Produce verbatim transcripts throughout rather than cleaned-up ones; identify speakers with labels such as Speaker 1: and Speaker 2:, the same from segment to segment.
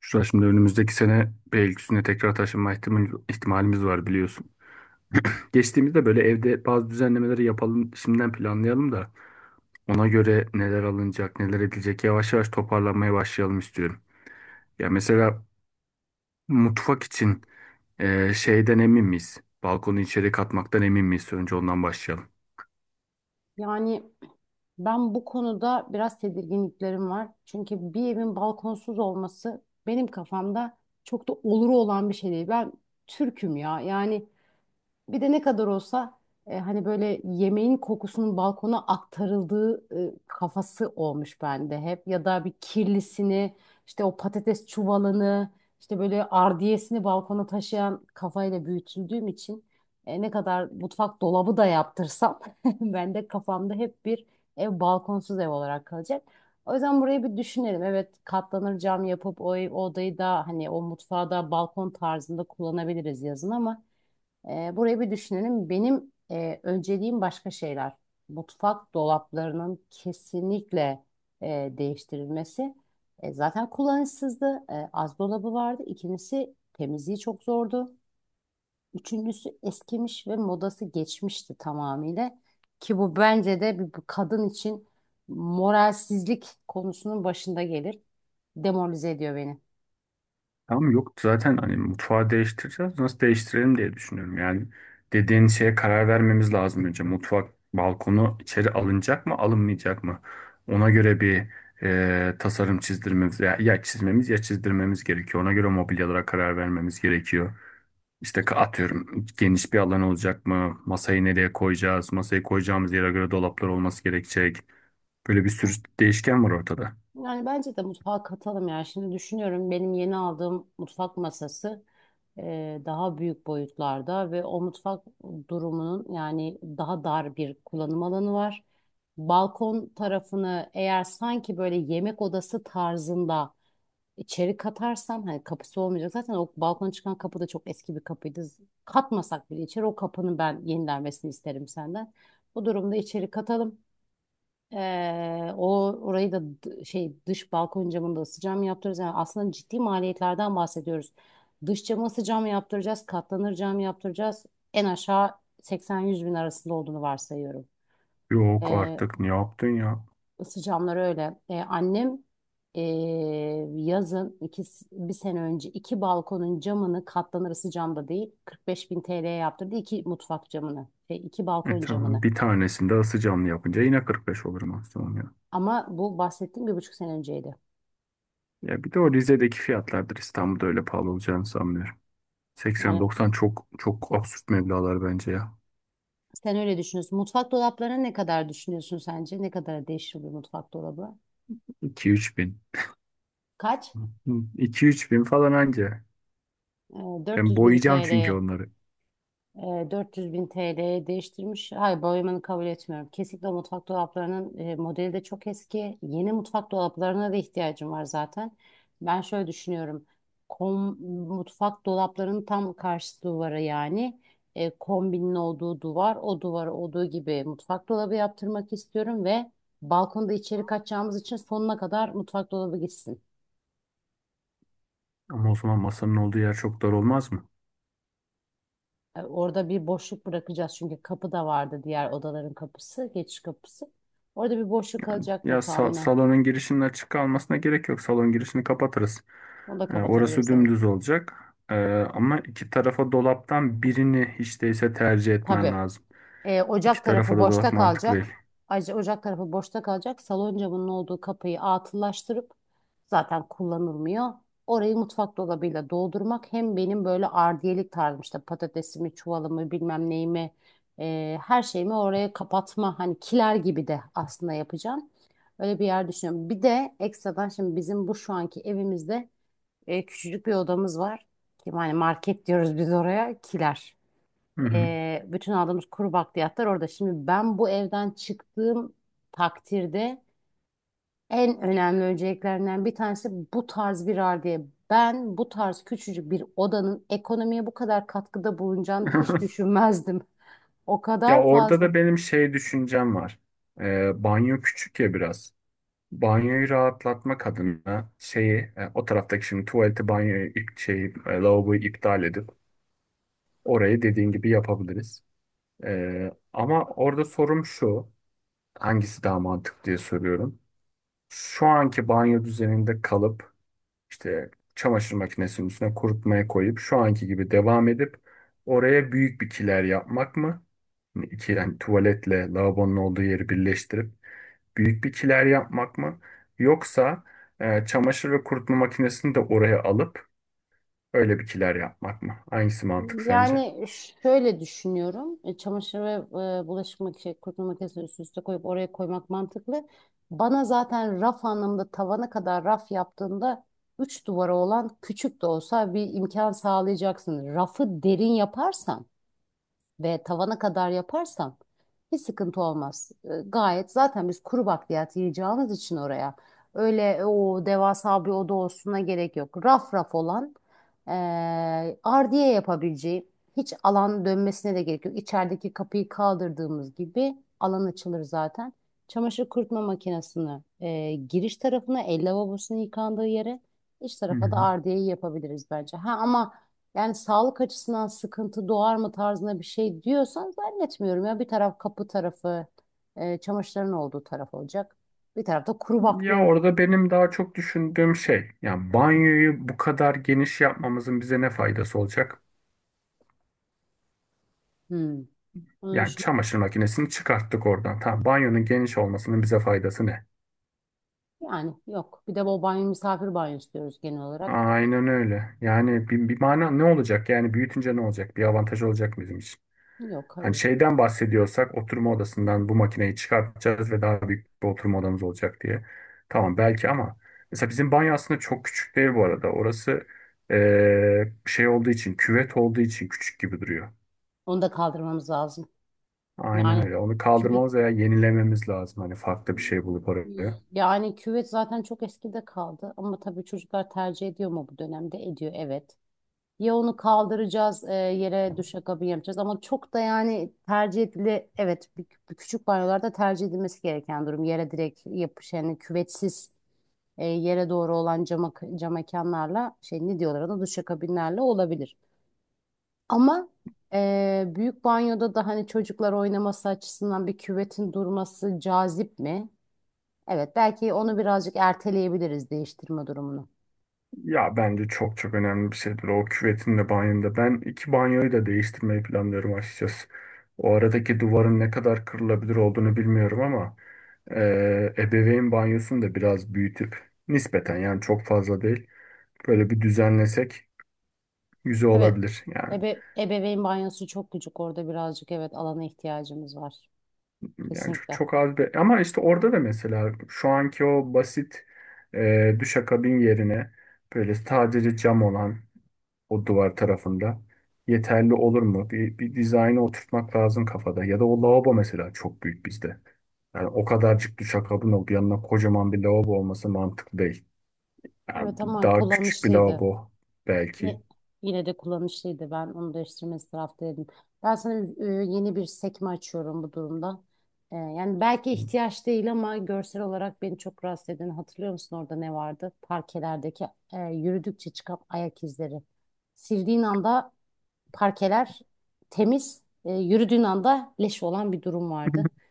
Speaker 1: Şu an şimdi önümüzdeki sene Beylikdüzü'ne tekrar taşınma ihtimal- ihtimalimiz var biliyorsun. Geçtiğimizde böyle evde bazı düzenlemeleri yapalım, şimdiden planlayalım da ona göre neler alınacak, neler edilecek yavaş yavaş toparlanmaya başlayalım istiyorum. Ya mesela mutfak için e, şeyden emin miyiz? Balkonu içeri katmaktan emin miyiz? Önce ondan başlayalım.
Speaker 2: Yani ben bu konuda biraz tedirginliklerim var. Çünkü bir evin balkonsuz olması benim kafamda çok da oluru olan bir şey değil. Ben Türk'üm ya. Yani bir de ne kadar olsa e, hani böyle yemeğin kokusunun balkona aktarıldığı e, kafası olmuş bende hep. Ya da bir kirlisini işte o patates çuvalını işte böyle ardiyesini balkona taşıyan kafayla büyütüldüğüm için e, ne kadar mutfak dolabı da yaptırsam ben de kafamda hep bir ev balkonsuz ev olarak kalacak. O yüzden burayı bir düşünelim. Evet, katlanır cam yapıp o, ev- o odayı da hani o mutfağı da balkon tarzında kullanabiliriz yazın, ama e, burayı bir düşünelim. Benim e, önceliğim başka şeyler. Mutfak dolaplarının kesinlikle e, değiştirilmesi. E, zaten kullanışsızdı. E, az dolabı vardı. İkincisi, temizliği çok zordu. Üçüncüsü, eskimiş ve modası geçmişti tamamıyla. Ki bu bence de bir bir kadın için moralsizlik konusunun başında gelir. Demoralize ediyor beni.
Speaker 1: Tamam, yok zaten hani mutfağı değiştireceğiz. Nasıl değiştirelim diye düşünüyorum. Yani dediğin şeye karar vermemiz lazım önce. Mutfak balkonu içeri alınacak mı alınmayacak mı? Ona göre bir e, tasarım çizdirmemiz ya, ya çizmemiz ya çizdirmemiz gerekiyor. Ona göre mobilyalara karar vermemiz gerekiyor. İşte ka- atıyorum geniş bir alan olacak mı? Masayı nereye koyacağız? Masayı koyacağımız yere göre dolaplar olması gerekecek. Böyle bir sürü değişken var ortada.
Speaker 2: Yani bence de mutfağa katalım ya. Şimdi düşünüyorum, benim yeni aldığım mutfak masası e, daha büyük boyutlarda ve o mutfak durumunun yani daha dar bir kullanım alanı var. Balkon tarafını eğer sanki böyle yemek odası tarzında içeri katarsam hani kapısı olmayacak. Zaten o balkona çıkan kapı da çok eski bir kapıydı. Katmasak bile içeri, o kapının ben yenilenmesini isterim senden. Bu durumda içeri katalım. Ee, o orayı da d- şey dış balkon camını da ısı cam yaptıracağız. Yani aslında ciddi maliyetlerden bahsediyoruz. Dış camı ısı cam yaptıracağız, katlanır cam yaptıracağız. En aşağı seksen yüz bin arasında olduğunu varsayıyorum.
Speaker 1: Yok
Speaker 2: Ee,
Speaker 1: artık, ne yaptın ya?
Speaker 2: ısı camları öyle. Ee, annem ee, yazın iki, bir sene önce iki balkonun camını katlanır ısı camda değil kırk beş bin T L'ye yaptırdı. İki mutfak camını, şey, iki
Speaker 1: E,
Speaker 2: balkon
Speaker 1: tamam,
Speaker 2: camını.
Speaker 1: bir tanesinde ısı camlı yapınca yine kırk beş olur maksimum ya.
Speaker 2: Ama bu bahsettiğim bir buçuk sene önceydi.
Speaker 1: Ya bir de o Rize'deki fiyatlardır, İstanbul'da öyle pahalı olacağını sanmıyorum.
Speaker 2: Yani
Speaker 1: seksen doksan çok çok absürt meblağlar bence ya.
Speaker 2: sen öyle düşünüyorsun. Mutfak dolaplarına ne kadar düşünüyorsun sence? Ne kadar değişir bir mutfak dolabı?
Speaker 1: iki üç bin.
Speaker 2: Kaç?
Speaker 1: iki üç bin falan anca.
Speaker 2: Ee,
Speaker 1: Ben
Speaker 2: dört yüz bin
Speaker 1: boyayacağım
Speaker 2: T L.
Speaker 1: çünkü onları.
Speaker 2: E, dört yüz bin T L'ye değiştirmiş. Hayır, boyamanı kabul etmiyorum. Kesinlikle o mutfak dolaplarının e, modeli de çok eski. Yeni mutfak dolaplarına da ihtiyacım var zaten. Ben şöyle düşünüyorum. Kom, mutfak dolaplarının tam karşı duvara, yani e, kombinin olduğu duvar, o duvara olduğu gibi mutfak dolabı yaptırmak istiyorum ve balkonda içeri kaçacağımız için sonuna kadar mutfak dolabı gitsin.
Speaker 1: Ama o zaman masanın olduğu yer çok dar olmaz mı?
Speaker 2: E, Orada bir boşluk bırakacağız, çünkü kapı da vardı, diğer odaların kapısı, geçiş kapısı. Orada bir boşluk kalacaktır
Speaker 1: Ya sa-
Speaker 2: tahminen.
Speaker 1: salonun girişinin açık kalmasına gerek yok. Salon girişini kapatırız.
Speaker 2: Onu da
Speaker 1: E, orası
Speaker 2: kapatabiliriz, evet.
Speaker 1: dümdüz olacak. E, ama iki tarafa dolaptan birini hiç değilse tercih etmen
Speaker 2: Tabii.
Speaker 1: lazım.
Speaker 2: E,
Speaker 1: İki
Speaker 2: ocak
Speaker 1: tarafa
Speaker 2: tarafı
Speaker 1: da dolak
Speaker 2: boşta
Speaker 1: mantıklı
Speaker 2: kalacak.
Speaker 1: değil.
Speaker 2: Ayrıca ocak tarafı boşta kalacak. Salon camının olduğu kapıyı atıllaştırıp, zaten kullanılmıyor. Orayı mutfak dolabıyla doldurmak hem benim böyle ardiyelik tarzım, işte patatesimi, çuvalımı, bilmem neyimi, e, her şeyimi oraya kapatma, hani kiler gibi de aslında yapacağım. Öyle bir yer düşünüyorum. Bir de ekstradan, şimdi bizim bu şu anki evimizde e, küçücük bir odamız var. Ki hani market diyoruz biz oraya, kiler.
Speaker 1: Hı hı.
Speaker 2: Ee, bütün aldığımız kuru bakliyatlar orada. Şimdi ben bu evden çıktığım takdirde en önemli önceliklerinden bir tanesi bu tarz bir halde. Ben bu tarz küçücük bir odanın ekonomiye bu kadar katkıda bulunacağını hiç düşünmezdim. O
Speaker 1: Ya
Speaker 2: kadar
Speaker 1: orada
Speaker 2: fazla.
Speaker 1: da benim şey düşüncem var. Ee, banyo küçük ya biraz. Banyoyu rahatlatmak adına şeyi, e, o taraftaki şimdi tuvaleti banyoyu ip, şeyi, e, lavaboyu iptal edip orayı dediğin gibi yapabiliriz. Ee, ama orada sorum şu. Hangisi daha mantıklı diye soruyorum. Şu anki banyo düzeninde kalıp İşte çamaşır makinesinin üstüne kurutmaya koyup şu anki gibi devam edip oraya büyük bir kiler yapmak mı? Yani iki yani tuvaletle lavabonun olduğu yeri birleştirip büyük bir kiler yapmak mı? Yoksa e, çamaşır ve kurutma makinesini de oraya alıp öyle bir kiler yapmak mı? Hangisi mantık sence?
Speaker 2: Yani şöyle düşünüyorum. E, Çamaşır ve e, bulaşık makinesi, kurutma makinesini üst üste koyup oraya koymak mantıklı. Bana zaten raf anlamında tavana kadar raf yaptığında üç duvara olan küçük de olsa bir imkan sağlayacaksın. Rafı derin yaparsan ve tavana kadar yaparsam hiç sıkıntı olmaz. E, Gayet, zaten biz kuru bakliyat yiyeceğimiz için oraya öyle e, o devasa bir oda olsuna gerek yok. Raf raf olan e, ardiye yapabileceği hiç alan dönmesine de gerek yok. İçerideki kapıyı kaldırdığımız gibi alan açılır zaten. Çamaşır kurutma makinesini e, giriş tarafına, el lavabosunun yıkandığı yere, iç
Speaker 1: Hı
Speaker 2: tarafa da
Speaker 1: hı.
Speaker 2: ardiyeyi yapabiliriz bence. Ha ama yani sağlık açısından sıkıntı doğar mı tarzında bir şey diyorsan, zannetmiyorum ya. Bir taraf kapı tarafı, e, çamaşırların olduğu taraf olacak. Bir tarafta kuru
Speaker 1: Ya
Speaker 2: bakliyat.
Speaker 1: orada benim daha çok düşündüğüm şey, yani banyoyu bu kadar geniş yapmamızın bize ne faydası olacak?
Speaker 2: Hmm. Bunu
Speaker 1: Yani
Speaker 2: düşünmemiştim.
Speaker 1: çamaşır makinesini çıkarttık oradan. Tamam, banyonun geniş olmasının bize faydası ne?
Speaker 2: Yani yok. Bir de o banyo, misafir banyosu diyoruz genel olarak.
Speaker 1: Aynen öyle. Yani bir, bir mana ne olacak? Yani büyütünce ne olacak? Bir avantaj olacak mı bizim için?
Speaker 2: Yok,
Speaker 1: Hani
Speaker 2: hayır.
Speaker 1: şeyden bahsediyorsak, oturma odasından bu makineyi çıkartacağız ve daha büyük bir oturma odamız olacak diye. Tamam belki, ama mesela bizim banyo aslında çok küçük değil bu arada. Orası eee, şey olduğu için, küvet olduğu için küçük gibi duruyor.
Speaker 2: Onu da kaldırmamız lazım.
Speaker 1: Aynen
Speaker 2: Yani
Speaker 1: öyle. Onu
Speaker 2: küvet,
Speaker 1: kaldırmamız veya yenilememiz lazım. Hani farklı bir şey bulup oraya.
Speaker 2: yani küvet zaten çok eskide kaldı, ama tabii çocuklar tercih ediyor mu bu dönemde? Ediyor, evet. Ya onu kaldıracağız, e, yere duşakabin yapacağız, ama çok da yani tercih edili evet, bir- bir küçük banyolarda tercih edilmesi gereken durum yere direkt yapış, yani küvetsiz e, yere doğru olan cama, cam mekanlarla şey ne diyorlar ona, duşakabinlerle olabilir. Ama e, büyük banyoda da hani çocuklar oynaması açısından bir küvetin durması cazip mi? Evet, belki onu birazcık erteleyebiliriz değiştirme durumunu.
Speaker 1: Ya bence çok çok önemli bir şeydir o, küvetin de banyonun da. Ben iki banyoyu da değiştirmeyi planlıyorum açıkçası. O aradaki duvarın ne kadar kırılabilir olduğunu bilmiyorum ama eee ebeveyn banyosunu da biraz büyütüp nispeten, yani çok fazla değil, böyle bir düzenlesek güzel
Speaker 2: Evet.
Speaker 1: olabilir. Yani
Speaker 2: Ebe ebeveyn banyosu çok küçük, orada birazcık evet alana ihtiyacımız var.
Speaker 1: yani çok,
Speaker 2: Kesinlikle.
Speaker 1: çok az bir, ama işte orada da mesela şu anki o basit eee duşakabin yerine böyle sadece cam olan o duvar tarafında yeterli olur mu? Bir, bir dizaynı oturtmak lazım kafada. Ya da o lavabo mesela çok büyük bizde. Yani o kadarcık duşakabin olup yanına kocaman bir lavabo olması mantıklı değil. Yani
Speaker 2: Evet, ama
Speaker 1: daha küçük bir
Speaker 2: kullanışlıydı.
Speaker 1: lavabo belki.
Speaker 2: Ye- yine de kullanışlıydı. Ben onu değiştirmesi taraftaydım. Ben sana e, yeni bir sekme açıyorum bu durumda. E, yani belki ihtiyaç değil ama görsel olarak beni çok rahatsız eden, hatırlıyor musun orada ne vardı? Parkelerdeki e, yürüdükçe çıkan ayak izleri. Sildiğin anda parkeler temiz, e, yürüdüğün anda leş olan bir durum vardı.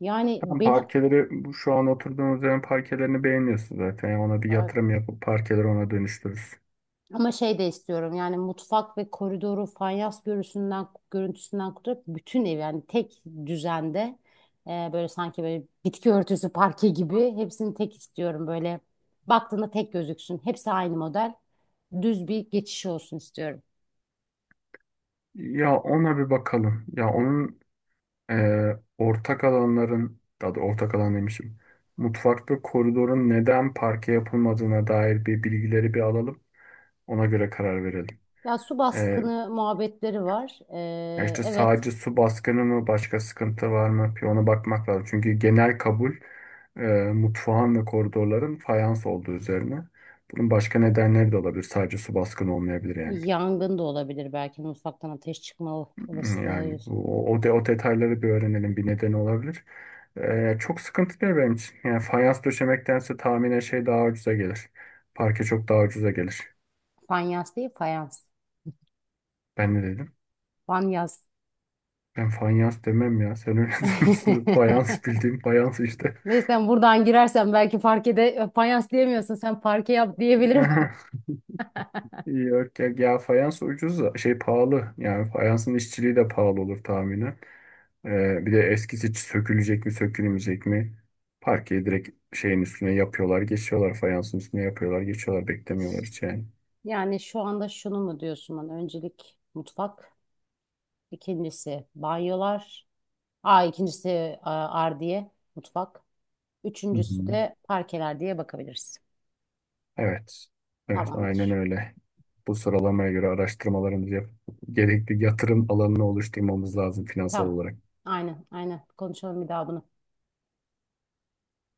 Speaker 2: Yani
Speaker 1: Tam
Speaker 2: beni.
Speaker 1: parkeleri, bu şu an oturduğumuz yerin parkelerini beğeniyorsun zaten. Yani ona bir
Speaker 2: Ay,
Speaker 1: yatırım yapıp parkeleri ona dönüştürürüz.
Speaker 2: ama şey de istiyorum, yani mutfak ve koridoru fayans görüntüsünden görüntüsünden kurtarıp bütün ev yani tek düzende e, böyle sanki böyle bitki örtüsü parke gibi hepsini tek istiyorum, böyle baktığında tek gözüksün. Hepsi aynı model, düz bir geçiş olsun istiyorum.
Speaker 1: Ya ona bir bakalım. Ya onun, ee, ortak alanların, daha doğrusu ortak alan demişim. Mutfak ve koridorun neden parke yapılmadığına dair bir bilgileri bir alalım. Ona göre karar verelim.
Speaker 2: Ya su
Speaker 1: Ee,
Speaker 2: baskını muhabbetleri var. E,
Speaker 1: ya işte
Speaker 2: evet,
Speaker 1: sadece su baskını mı, başka sıkıntı var mı? Bir ona bakmak lazım. Çünkü genel kabul e, mutfağın ve koridorların fayans olduğu üzerine. Bunun başka nedenleri de olabilir. Sadece su baskını olmayabilir yani.
Speaker 2: yangın da olabilir, belki mutfaktan ateş çıkma olasılığı.
Speaker 1: Yani bu, o, de, o detayları bir öğrenelim, bir nedeni olabilir. Ee, çok sıkıntı değil benim için. Yani fayans döşemektense tahminen şey daha ucuza gelir. Parke çok daha ucuza gelir.
Speaker 2: Fayans değil, fayans,
Speaker 1: Ben ne dedim?
Speaker 2: fanyas.
Speaker 1: Ben fayans demem ya. Sen öyle diyorsun. Fayans, bildiğim fayans işte.
Speaker 2: Neyse sen buradan girersen belki parkede fayans diyemiyorsun. Sen parke yap diyebilirim.
Speaker 1: Yok ya, ya fayans ucuz da şey pahalı. Yani fayansın işçiliği de pahalı olur tahminen. Ee, bir de eskisi sökülecek mi sökülmeyecek mi? Parkeyi direkt şeyin üstüne yapıyorlar, geçiyorlar. Fayansın üstüne yapıyorlar, geçiyorlar. Beklemiyorlar hiç yani.
Speaker 2: Yani şu anda şunu mu diyorsun bana? Öncelik mutfak, ikincisi banyolar, aa ikincisi a, ardiye mutfak,
Speaker 1: Hı
Speaker 2: üçüncüsü
Speaker 1: hı.
Speaker 2: de parkeler diye bakabiliriz.
Speaker 1: Evet. Evet, aynen
Speaker 2: Tamamdır.
Speaker 1: öyle. Bu sıralamaya göre araştırmalarımızı yapıp gerekli yatırım alanını oluşturmamız lazım finansal
Speaker 2: Tamam.
Speaker 1: olarak.
Speaker 2: Aynen, aynen. Konuşalım bir daha bunu.